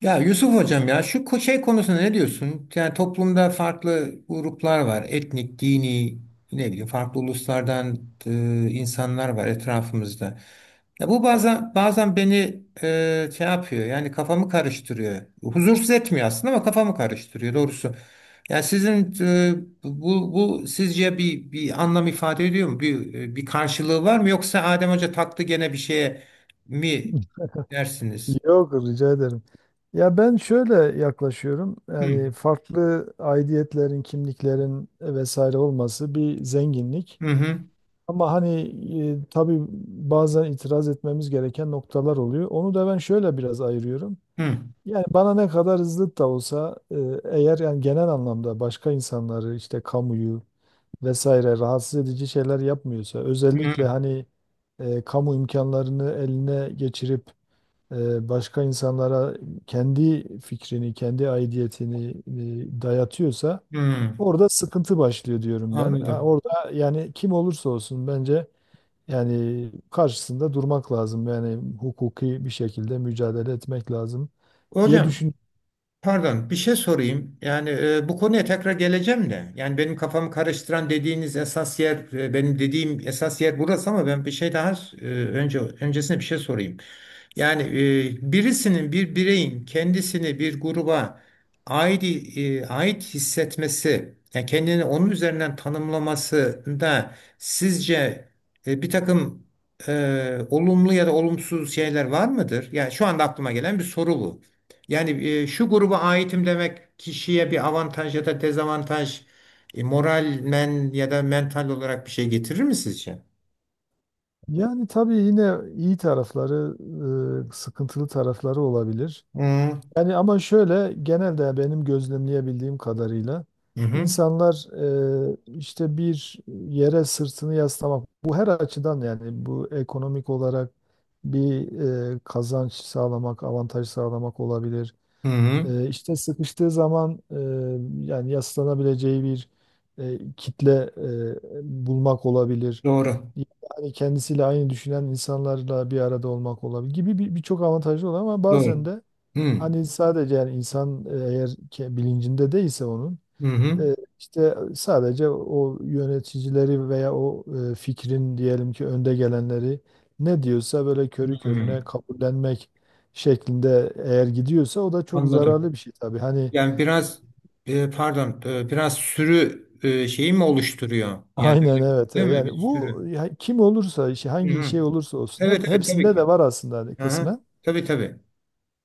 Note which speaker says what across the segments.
Speaker 1: Ya Yusuf hocam, ya şey konusunda ne diyorsun? Yani toplumda farklı gruplar var. Etnik, dini, ne bileyim farklı uluslardan insanlar var etrafımızda. Ya bu bazen beni şey yapıyor. Yani kafamı karıştırıyor. Huzursuz etmiyor aslında ama kafamı karıştırıyor doğrusu. Ya sizin bu sizce bir anlam ifade ediyor mu? Bir karşılığı var mı yoksa Adem Hoca taktı gene bir şeye mi dersiniz?
Speaker 2: Yok rica ederim. Ya ben şöyle yaklaşıyorum.
Speaker 1: Hı.
Speaker 2: Yani farklı aidiyetlerin, kimliklerin vesaire olması bir zenginlik.
Speaker 1: Hı hı.
Speaker 2: Ama hani tabii bazen itiraz etmemiz gereken noktalar oluyor. Onu da ben şöyle biraz ayırıyorum.
Speaker 1: Hı,
Speaker 2: Yani bana ne kadar hızlı da olsa eğer yani genel anlamda başka insanları işte kamuyu vesaire rahatsız edici şeyler yapmıyorsa özellikle
Speaker 1: hı,
Speaker 2: hani kamu imkanlarını eline geçirip başka insanlara kendi fikrini, kendi aidiyetini dayatıyorsa
Speaker 1: hı.
Speaker 2: orada sıkıntı başlıyor diyorum ben. Ha,
Speaker 1: Anladım.
Speaker 2: orada yani kim olursa olsun bence yani karşısında durmak lazım. Yani hukuki bir şekilde mücadele etmek lazım diye
Speaker 1: Hocam,
Speaker 2: düşün.
Speaker 1: pardon, bir şey sorayım. Yani bu konuya tekrar geleceğim de. Yani benim kafamı karıştıran dediğiniz esas yer, benim dediğim esas yer burası, ama ben bir şey daha, öncesine bir şey sorayım. Yani birisinin, bir bireyin, kendisini bir gruba ait ait hissetmesi, yani kendini onun üzerinden tanımlamasında sizce bir takım olumlu ya da olumsuz şeyler var mıdır? Yani şu anda aklıma gelen bir soru bu. Yani şu gruba aitim demek kişiye bir avantaj ya da dezavantaj, moralmen ya da mental olarak bir şey getirir mi sizce?
Speaker 2: Yani tabii yine iyi tarafları, sıkıntılı tarafları olabilir.
Speaker 1: Hı hı.
Speaker 2: Yani ama şöyle genelde benim gözlemleyebildiğim kadarıyla
Speaker 1: Hı hı.
Speaker 2: insanlar işte bir yere sırtını yaslamak bu her açıdan yani bu ekonomik olarak bir kazanç sağlamak, avantaj sağlamak olabilir.
Speaker 1: Hı hı.
Speaker 2: İşte sıkıştığı zaman yani yaslanabileceği bir kitle bulmak olabilir.
Speaker 1: Doğru.
Speaker 2: Yani kendisiyle aynı düşünen insanlarla bir arada olmak olabilir gibi birçok avantajı olan ama bazen
Speaker 1: Doğru.
Speaker 2: de
Speaker 1: Hmm.
Speaker 2: hani sadece yani insan eğer bilincinde değilse onun
Speaker 1: Hı hı.
Speaker 2: işte sadece o yöneticileri veya o fikrin diyelim ki önde gelenleri ne diyorsa böyle körü
Speaker 1: Hmm.
Speaker 2: körüne kabullenmek şeklinde eğer gidiyorsa o da çok
Speaker 1: Anladım.
Speaker 2: zararlı bir şey tabii. Hani
Speaker 1: Yani biraz, pardon, biraz sürü şeyi mi oluşturuyor? Yani öyle,
Speaker 2: aynen evet.
Speaker 1: değil mi? Bir
Speaker 2: Yani bu
Speaker 1: sürü.
Speaker 2: ya kim olursa işi
Speaker 1: Hı
Speaker 2: hangi
Speaker 1: hı.
Speaker 2: şey olursa olsun
Speaker 1: Evet evet, tabii
Speaker 2: hepsinde
Speaker 1: ki.
Speaker 2: de var aslında hani
Speaker 1: Aha.
Speaker 2: kısmen.
Speaker 1: Tabii tabii.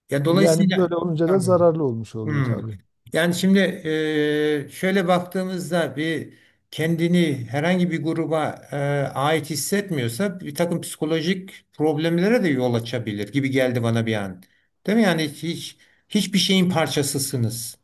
Speaker 1: Ya
Speaker 2: Yani
Speaker 1: dolayısıyla,
Speaker 2: böyle olunca da
Speaker 1: pardon.
Speaker 2: zararlı olmuş oluyor
Speaker 1: Hmm.
Speaker 2: tabii.
Speaker 1: Yani şimdi, şöyle baktığımızda bir kendini herhangi bir gruba ait hissetmiyorsa bir takım psikolojik problemlere de yol açabilir gibi geldi bana bir an. Değil mi? Yani hiçbir şeyin parçasısınız.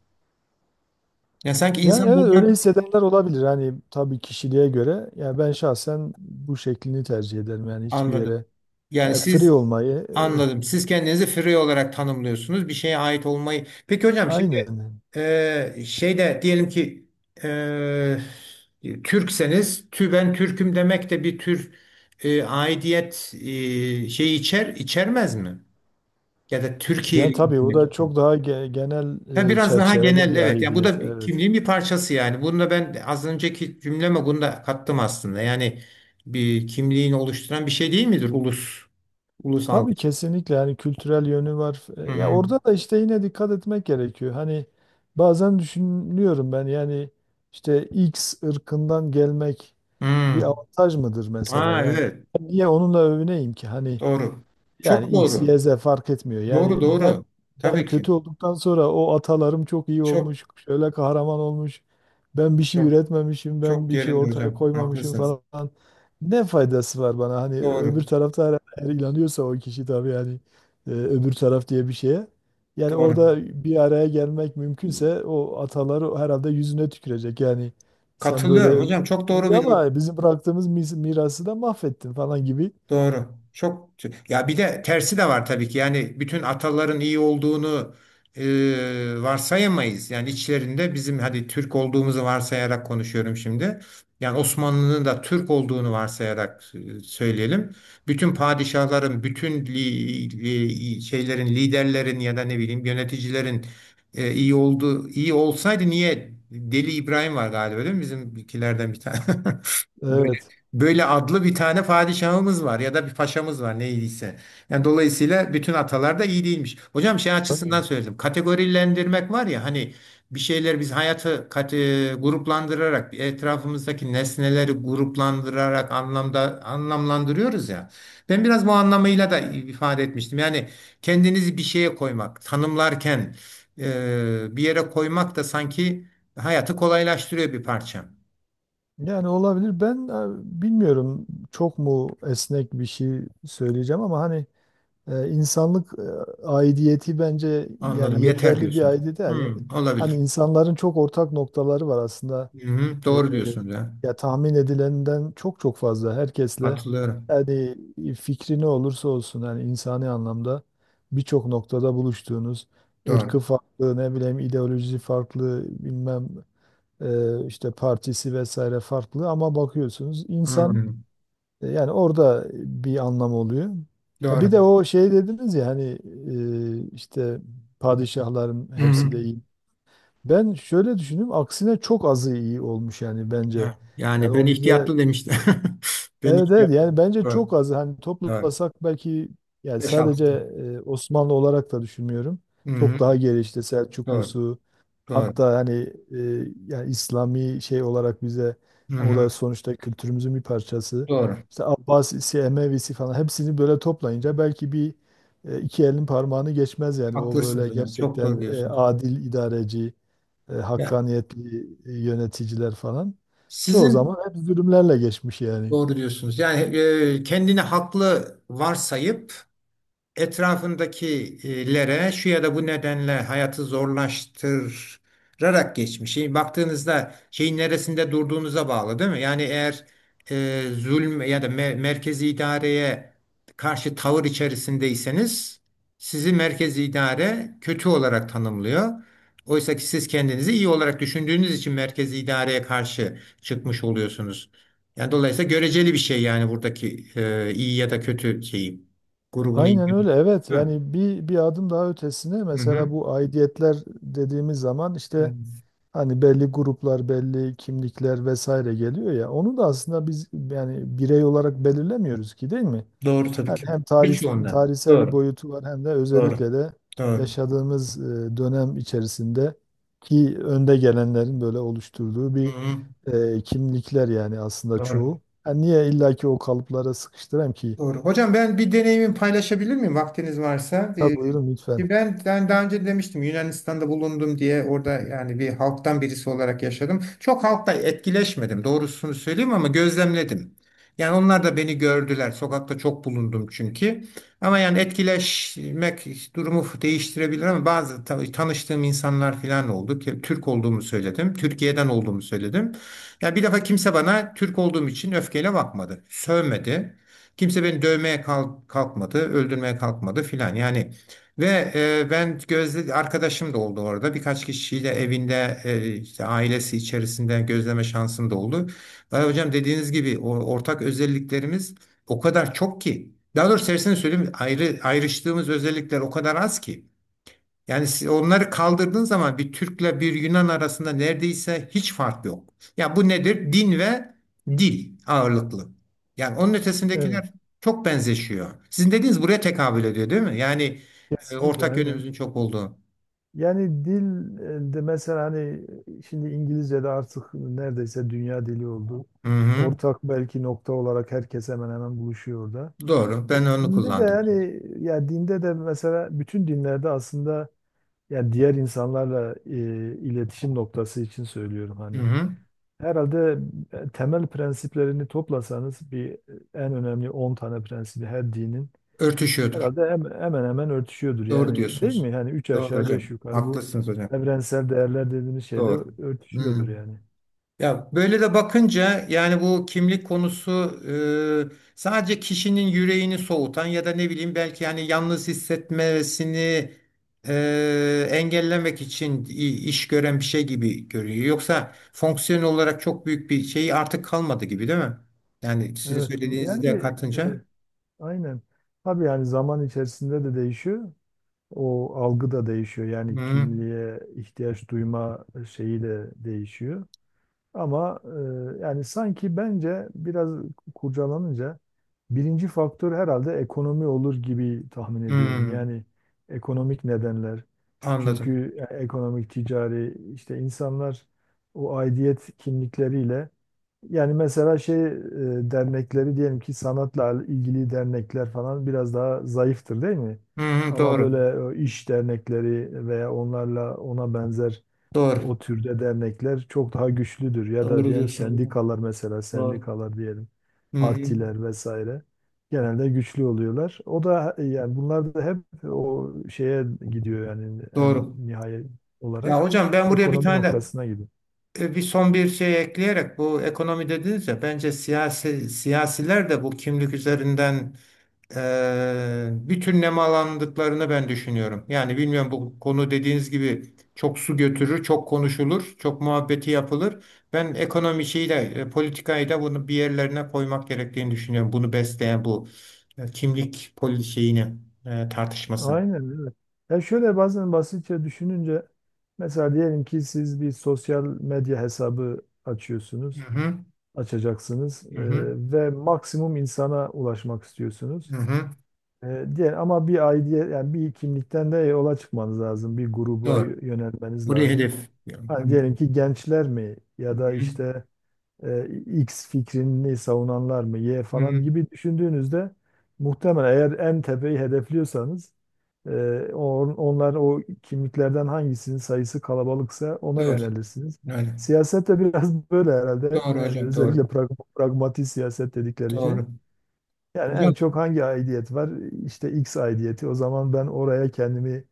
Speaker 1: Ya sanki
Speaker 2: Yani
Speaker 1: insan
Speaker 2: evet öyle
Speaker 1: buradan,
Speaker 2: hissedenler olabilir. Hani tabii kişiliğe göre. Yani ben şahsen bu şeklini tercih ederim. Yani hiçbir
Speaker 1: anladım.
Speaker 2: yere
Speaker 1: Yani
Speaker 2: yani free
Speaker 1: siz,
Speaker 2: olmayı
Speaker 1: anladım. Siz kendinizi free olarak tanımlıyorsunuz. Bir şeye ait olmayı. Peki hocam şimdi,
Speaker 2: aynen.
Speaker 1: Şeyde diyelim ki, e, Türkseniz, ben Türküm demek de bir tür aidiyet şeyi içermez mi? Ya da
Speaker 2: Yani
Speaker 1: Türkiye'li
Speaker 2: tabii o
Speaker 1: demek.
Speaker 2: da çok daha genel
Speaker 1: Ya biraz daha
Speaker 2: çerçevede
Speaker 1: genel,
Speaker 2: bir
Speaker 1: evet. Ya bu
Speaker 2: aidiyet.
Speaker 1: da
Speaker 2: Evet.
Speaker 1: kimliğin bir parçası yani. Bunu da ben az önceki cümleme bunu da kattım aslında. Yani bir kimliğini oluşturan bir şey değil midir ulus? Ulus
Speaker 2: Tabii
Speaker 1: algısı.
Speaker 2: kesinlikle yani kültürel yönü var.
Speaker 1: Hı
Speaker 2: Ya
Speaker 1: hı.
Speaker 2: orada da işte yine dikkat etmek gerekiyor. Hani bazen düşünüyorum ben yani işte X ırkından gelmek bir
Speaker 1: Hı.
Speaker 2: avantaj mıdır mesela?
Speaker 1: Aa,
Speaker 2: Yani
Speaker 1: evet.
Speaker 2: niye onunla övüneyim ki? Hani
Speaker 1: Doğru.
Speaker 2: yani
Speaker 1: Çok
Speaker 2: X,
Speaker 1: doğru.
Speaker 2: Y, Z fark etmiyor. Yani
Speaker 1: Doğru
Speaker 2: ben
Speaker 1: doğru.
Speaker 2: ben
Speaker 1: Tabii ki.
Speaker 2: kötü olduktan sonra o atalarım çok iyi
Speaker 1: Çok
Speaker 2: olmuş, şöyle kahraman olmuş. Ben bir şey
Speaker 1: çok
Speaker 2: üretmemişim, ben
Speaker 1: çok
Speaker 2: bir şey
Speaker 1: yerinde
Speaker 2: ortaya
Speaker 1: hocam.
Speaker 2: koymamışım
Speaker 1: Haklısınız.
Speaker 2: falan. Ne faydası var bana? Hani öbür
Speaker 1: Doğru.
Speaker 2: tarafta her inanıyorsa o kişi tabii yani öbür taraf diye bir şeye. Yani
Speaker 1: Doğru.
Speaker 2: orada bir araya gelmek mümkünse o ataları herhalde yüzüne tükürecek. Yani sen
Speaker 1: Katılıyorum
Speaker 2: böyle
Speaker 1: hocam. Çok doğru bir
Speaker 2: ama bizim bıraktığımız mirası da mahvettin falan gibi.
Speaker 1: Doğru. Ya bir de tersi de var tabii ki. Yani bütün ataların iyi olduğunu, e, varsayamayız. Yani içlerinde, bizim hadi Türk olduğumuzu varsayarak konuşuyorum şimdi. Yani Osmanlı'nın da Türk olduğunu varsayarak söyleyelim. Bütün padişahların, bütün şeylerin, liderlerin ya da ne bileyim yöneticilerin iyi iyi olsaydı, niye Deli İbrahim var galiba, değil mi? Bizimkilerden bir tane. Böyle,
Speaker 2: Evet.
Speaker 1: böyle adlı bir tane padişahımız var, ya da bir paşamız var neydiyse. Yani dolayısıyla bütün atalar da iyi değilmiş. Hocam şey
Speaker 2: Tabii.
Speaker 1: açısından söyledim. Kategorilendirmek var ya, hani bir şeyler, biz hayatı gruplandırarak, etrafımızdaki nesneleri gruplandırarak anlamlandırıyoruz ya. Ben biraz bu anlamıyla da ifade etmiştim. Yani kendinizi bir şeye koymak, tanımlarken bir yere koymak da sanki hayatı kolaylaştırıyor bir parça.
Speaker 2: Yani olabilir. Ben bilmiyorum çok mu esnek bir şey söyleyeceğim ama hani insanlık aidiyeti bence yani
Speaker 1: Anladım. Yeter
Speaker 2: yeterli bir
Speaker 1: diyorsunuz.
Speaker 2: aidiyet. Yani hani
Speaker 1: Hmm,
Speaker 2: hani
Speaker 1: olabilir.
Speaker 2: insanların çok ortak noktaları var aslında.
Speaker 1: Hı-hı,
Speaker 2: E,
Speaker 1: doğru
Speaker 2: e,
Speaker 1: diyorsunuz ya.
Speaker 2: ya tahmin edilenden çok çok fazla herkesle
Speaker 1: Katılıyorum.
Speaker 2: yani fikri ne olursa olsun yani insani anlamda birçok noktada buluştuğunuz ırkı
Speaker 1: Doğru.
Speaker 2: farklı ne bileyim ideolojisi farklı bilmem işte partisi vesaire farklı ama bakıyorsunuz insan
Speaker 1: Hmm,
Speaker 2: yani orada bir anlam oluyor. Ya bir
Speaker 1: doğru.
Speaker 2: de o şey dediniz ya hani işte padişahların
Speaker 1: Hı-hı.
Speaker 2: hepsi de iyi. Ben şöyle düşündüm aksine çok azı iyi olmuş yani bence.
Speaker 1: Ha,
Speaker 2: Yani
Speaker 1: yani ben
Speaker 2: o bize
Speaker 1: ihtiyatlı demiştim. Ben
Speaker 2: evet evet,
Speaker 1: ihtiyatlı.
Speaker 2: yani bence
Speaker 1: Doğru.
Speaker 2: çok azı hani
Speaker 1: Doğru.
Speaker 2: toplasak belki yani
Speaker 1: Beş altı.
Speaker 2: sadece Osmanlı olarak da düşünmüyorum.
Speaker 1: Hı-hı,
Speaker 2: Çok daha geri işte
Speaker 1: doğru.
Speaker 2: Selçuklusu,
Speaker 1: Doğru.
Speaker 2: hatta hani e, yani İslami şey olarak bize yani o
Speaker 1: Hı-hı,
Speaker 2: da sonuçta kültürümüzün bir parçası.
Speaker 1: doğru.
Speaker 2: İşte Abbasisi, Emevisi falan hepsini böyle toplayınca belki bir iki elin parmağını geçmez yani o
Speaker 1: Haklısınız
Speaker 2: böyle
Speaker 1: hocam. Çok doğru
Speaker 2: gerçekten
Speaker 1: diyorsunuz.
Speaker 2: adil idareci,
Speaker 1: Ya,
Speaker 2: hakkaniyetli yöneticiler falan. Çoğu
Speaker 1: sizin,
Speaker 2: zaman hep zulümlerle geçmiş yani.
Speaker 1: doğru diyorsunuz. Yani kendini haklı varsayıp etrafındakilere şu ya da bu nedenle hayatı zorlaştırarak geçmiş. Şimdi baktığınızda şeyin neresinde durduğunuza bağlı, değil mi? Yani eğer zulm ya da merkezi idareye karşı tavır içerisindeyseniz, sizi merkezi idare kötü olarak tanımlıyor. Oysa ki siz kendinizi iyi olarak düşündüğünüz için merkezi idareye karşı çıkmış oluyorsunuz. Yani dolayısıyla göreceli bir şey yani, buradaki iyi ya da kötü şeyi, grubunu iyi.
Speaker 2: Aynen öyle evet
Speaker 1: Evet.
Speaker 2: yani bir adım daha ötesine
Speaker 1: Hı hı.
Speaker 2: mesela bu aidiyetler dediğimiz zaman işte hani belli gruplar belli kimlikler vesaire geliyor ya onu da aslında biz yani birey olarak belirlemiyoruz ki değil mi?
Speaker 1: Doğru tabii
Speaker 2: Yani
Speaker 1: ki.
Speaker 2: hem
Speaker 1: Birçoğundan.
Speaker 2: tarihsel bir
Speaker 1: Doğru.
Speaker 2: boyutu var hem de
Speaker 1: Doğru.
Speaker 2: özellikle de
Speaker 1: Doğru.
Speaker 2: yaşadığımız dönem içerisinde ki önde gelenlerin böyle oluşturduğu
Speaker 1: Hı
Speaker 2: bir
Speaker 1: hı.
Speaker 2: kimlikler yani aslında
Speaker 1: Doğru.
Speaker 2: çoğu. Yani niye illaki o kalıplara sıkıştırayım ki?
Speaker 1: Doğru. Hocam, ben bir deneyimi paylaşabilir miyim vaktiniz varsa?
Speaker 2: Tabii
Speaker 1: Ee,
Speaker 2: buyurun
Speaker 1: ki
Speaker 2: lütfen.
Speaker 1: ben, daha önce demiştim Yunanistan'da bulundum diye, orada yani bir halktan birisi olarak yaşadım. Çok halkla etkileşmedim doğrusunu söyleyeyim ama gözlemledim. Yani onlar da beni gördüler. Sokakta çok bulundum çünkü. Ama yani etkileşmek durumu değiştirebilir, ama bazı tanıştığım insanlar falan oldu ki Türk olduğumu söyledim. Türkiye'den olduğumu söyledim. Ya bir defa kimse bana Türk olduğum için öfkeyle bakmadı. Sövmedi. Kimse beni dövmeye kalkmadı, öldürmeye kalkmadı filan. Yani ve ben gözle arkadaşım da oldu orada. Birkaç kişiyle evinde, işte ailesi içerisinde gözleme şansım da oldu. Vay hocam, dediğiniz gibi o ortak özelliklerimiz o kadar çok ki. Daha doğrusu tersini söyleyeyim, ayrıştığımız özellikler o kadar az ki. Yani siz onları kaldırdığın zaman bir Türk'le bir Yunan arasında neredeyse hiç fark yok. Ya bu nedir? Din ve dil ağırlıklı. Yani onun
Speaker 2: Evet.
Speaker 1: ötesindekiler çok benzeşiyor. Sizin dediğiniz buraya tekabül ediyor, değil mi? Yani
Speaker 2: Kesinlikle
Speaker 1: ortak
Speaker 2: aynen.
Speaker 1: yönümüzün çok olduğu.
Speaker 2: Yani dil de mesela hani şimdi İngilizce de artık neredeyse dünya dili oldu.
Speaker 1: Hı hı.
Speaker 2: Ortak belki nokta olarak herkes hemen hemen buluşuyor orada.
Speaker 1: Doğru. Ben onu
Speaker 2: Dinde de
Speaker 1: kullandım.
Speaker 2: yani ya dinde de mesela bütün dinlerde aslında yani diğer insanlarla iletişim noktası için söylüyorum
Speaker 1: Hı
Speaker 2: hani.
Speaker 1: hı.
Speaker 2: Herhalde temel prensiplerini toplasanız bir en önemli 10 tane prensibi her dinin
Speaker 1: Örtüşüyordur.
Speaker 2: herhalde hemen hemen örtüşüyordur
Speaker 1: Doğru
Speaker 2: yani değil
Speaker 1: diyorsunuz.
Speaker 2: mi? Yani üç
Speaker 1: Doğru
Speaker 2: aşağı beş
Speaker 1: hocam.
Speaker 2: yukarı bu
Speaker 1: Haklısınız hocam.
Speaker 2: evrensel değerler dediğimiz şeyde
Speaker 1: Doğru.
Speaker 2: örtüşüyordur
Speaker 1: Hı.
Speaker 2: yani.
Speaker 1: Ya böyle de bakınca, yani bu kimlik konusu sadece kişinin yüreğini soğutan ya da ne bileyim belki yani yalnız hissetmesini engellemek için iş gören bir şey gibi görünüyor. Yoksa fonksiyon olarak çok büyük bir şey artık kalmadı gibi, değil mi? Yani sizin
Speaker 2: Evet
Speaker 1: söylediğinizi
Speaker 2: yani
Speaker 1: de
Speaker 2: e,
Speaker 1: katınca.
Speaker 2: aynen. Tabii yani zaman içerisinde de değişiyor. O algı da değişiyor. Yani
Speaker 1: Hmm,
Speaker 2: kimliğe ihtiyaç duyma şeyi de değişiyor. Ama yani sanki bence biraz kurcalanınca birinci faktör herhalde ekonomi olur gibi tahmin ediyorum.
Speaker 1: hmm,
Speaker 2: Yani ekonomik nedenler.
Speaker 1: anladım.
Speaker 2: Çünkü ekonomik, ticari işte insanlar o aidiyet kimlikleriyle yani mesela şey dernekleri diyelim ki sanatla ilgili dernekler falan biraz daha zayıftır değil mi?
Speaker 1: Hmm,
Speaker 2: Ama
Speaker 1: doğru.
Speaker 2: böyle iş dernekleri veya onlarla ona benzer
Speaker 1: Doğru.
Speaker 2: o türde dernekler çok daha güçlüdür. Ya da
Speaker 1: Doğru
Speaker 2: diyelim
Speaker 1: diyorsunuz.
Speaker 2: sendikalar, mesela
Speaker 1: Doğru.
Speaker 2: sendikalar diyelim,
Speaker 1: Hmm,
Speaker 2: partiler vesaire genelde güçlü oluyorlar. O da yani bunlar da hep o şeye gidiyor yani en
Speaker 1: doğru.
Speaker 2: nihayet olarak
Speaker 1: Ya hocam, ben buraya bir
Speaker 2: ekonomi
Speaker 1: tane de,
Speaker 2: noktasına gidiyor.
Speaker 1: Bir son bir şey ekleyerek, bu ekonomi dediniz ya, bence siyasi, siyasiler de bu kimlik üzerinden bütün nemalandıklarını ben düşünüyorum. Yani bilmiyorum, bu konu dediğiniz gibi çok su götürür, çok konuşulur, çok muhabbeti yapılır. Ben ekonomi şeyi de, politikayı da bunu bir yerlerine koymak gerektiğini düşünüyorum. Bunu besleyen bu kimlik şeyini, tartışmasını.
Speaker 2: Aynen evet. Ya şöyle bazen basitçe düşününce mesela diyelim ki siz bir sosyal medya hesabı
Speaker 1: Hı
Speaker 2: açıyorsunuz,
Speaker 1: hı,
Speaker 2: açacaksınız
Speaker 1: hı hı,
Speaker 2: ve maksimum insana ulaşmak
Speaker 1: hı
Speaker 2: istiyorsunuz.
Speaker 1: hı.
Speaker 2: Diğer ama bir aidiyet yani bir kimlikten de yola çıkmanız lazım. Bir gruba
Speaker 1: Doğru.
Speaker 2: yönelmeniz
Speaker 1: Buraya
Speaker 2: lazım.
Speaker 1: hedef. Hı hı,
Speaker 2: Hani diyelim ki gençler mi
Speaker 1: hı
Speaker 2: ya da
Speaker 1: hı,
Speaker 2: işte X fikrini savunanlar mı Y
Speaker 1: hı
Speaker 2: falan
Speaker 1: hı.
Speaker 2: gibi düşündüğünüzde muhtemelen eğer en tepeyi hedefliyorsanız e, onlar o kimliklerden hangisinin sayısı kalabalıksa ona
Speaker 1: Doğru.
Speaker 2: yönelirsiniz.
Speaker 1: Öyle.
Speaker 2: Siyaset de biraz böyle herhalde.
Speaker 1: Doğru
Speaker 2: Yani
Speaker 1: hocam,
Speaker 2: özellikle
Speaker 1: doğru.
Speaker 2: pragmatik siyaset dedikleri şey.
Speaker 1: Doğru.
Speaker 2: Yani en
Speaker 1: Hocam,
Speaker 2: çok hangi aidiyet var? İşte X aidiyeti. O zaman ben oraya kendimi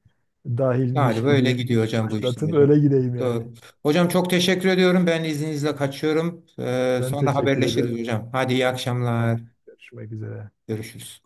Speaker 1: yani
Speaker 2: dahilmiş
Speaker 1: böyle
Speaker 2: gibi
Speaker 1: gidiyor hocam bu, işte
Speaker 2: başlatıp
Speaker 1: hocam.
Speaker 2: öyle gideyim yani.
Speaker 1: Doğru. Hocam çok teşekkür ediyorum. Ben izninizle kaçıyorum. Ee,
Speaker 2: Ben
Speaker 1: sonra
Speaker 2: teşekkür
Speaker 1: haberleşiriz
Speaker 2: ederim.
Speaker 1: hocam. Hadi, iyi
Speaker 2: Tamam.
Speaker 1: akşamlar.
Speaker 2: Görüşmek üzere.
Speaker 1: Görüşürüz.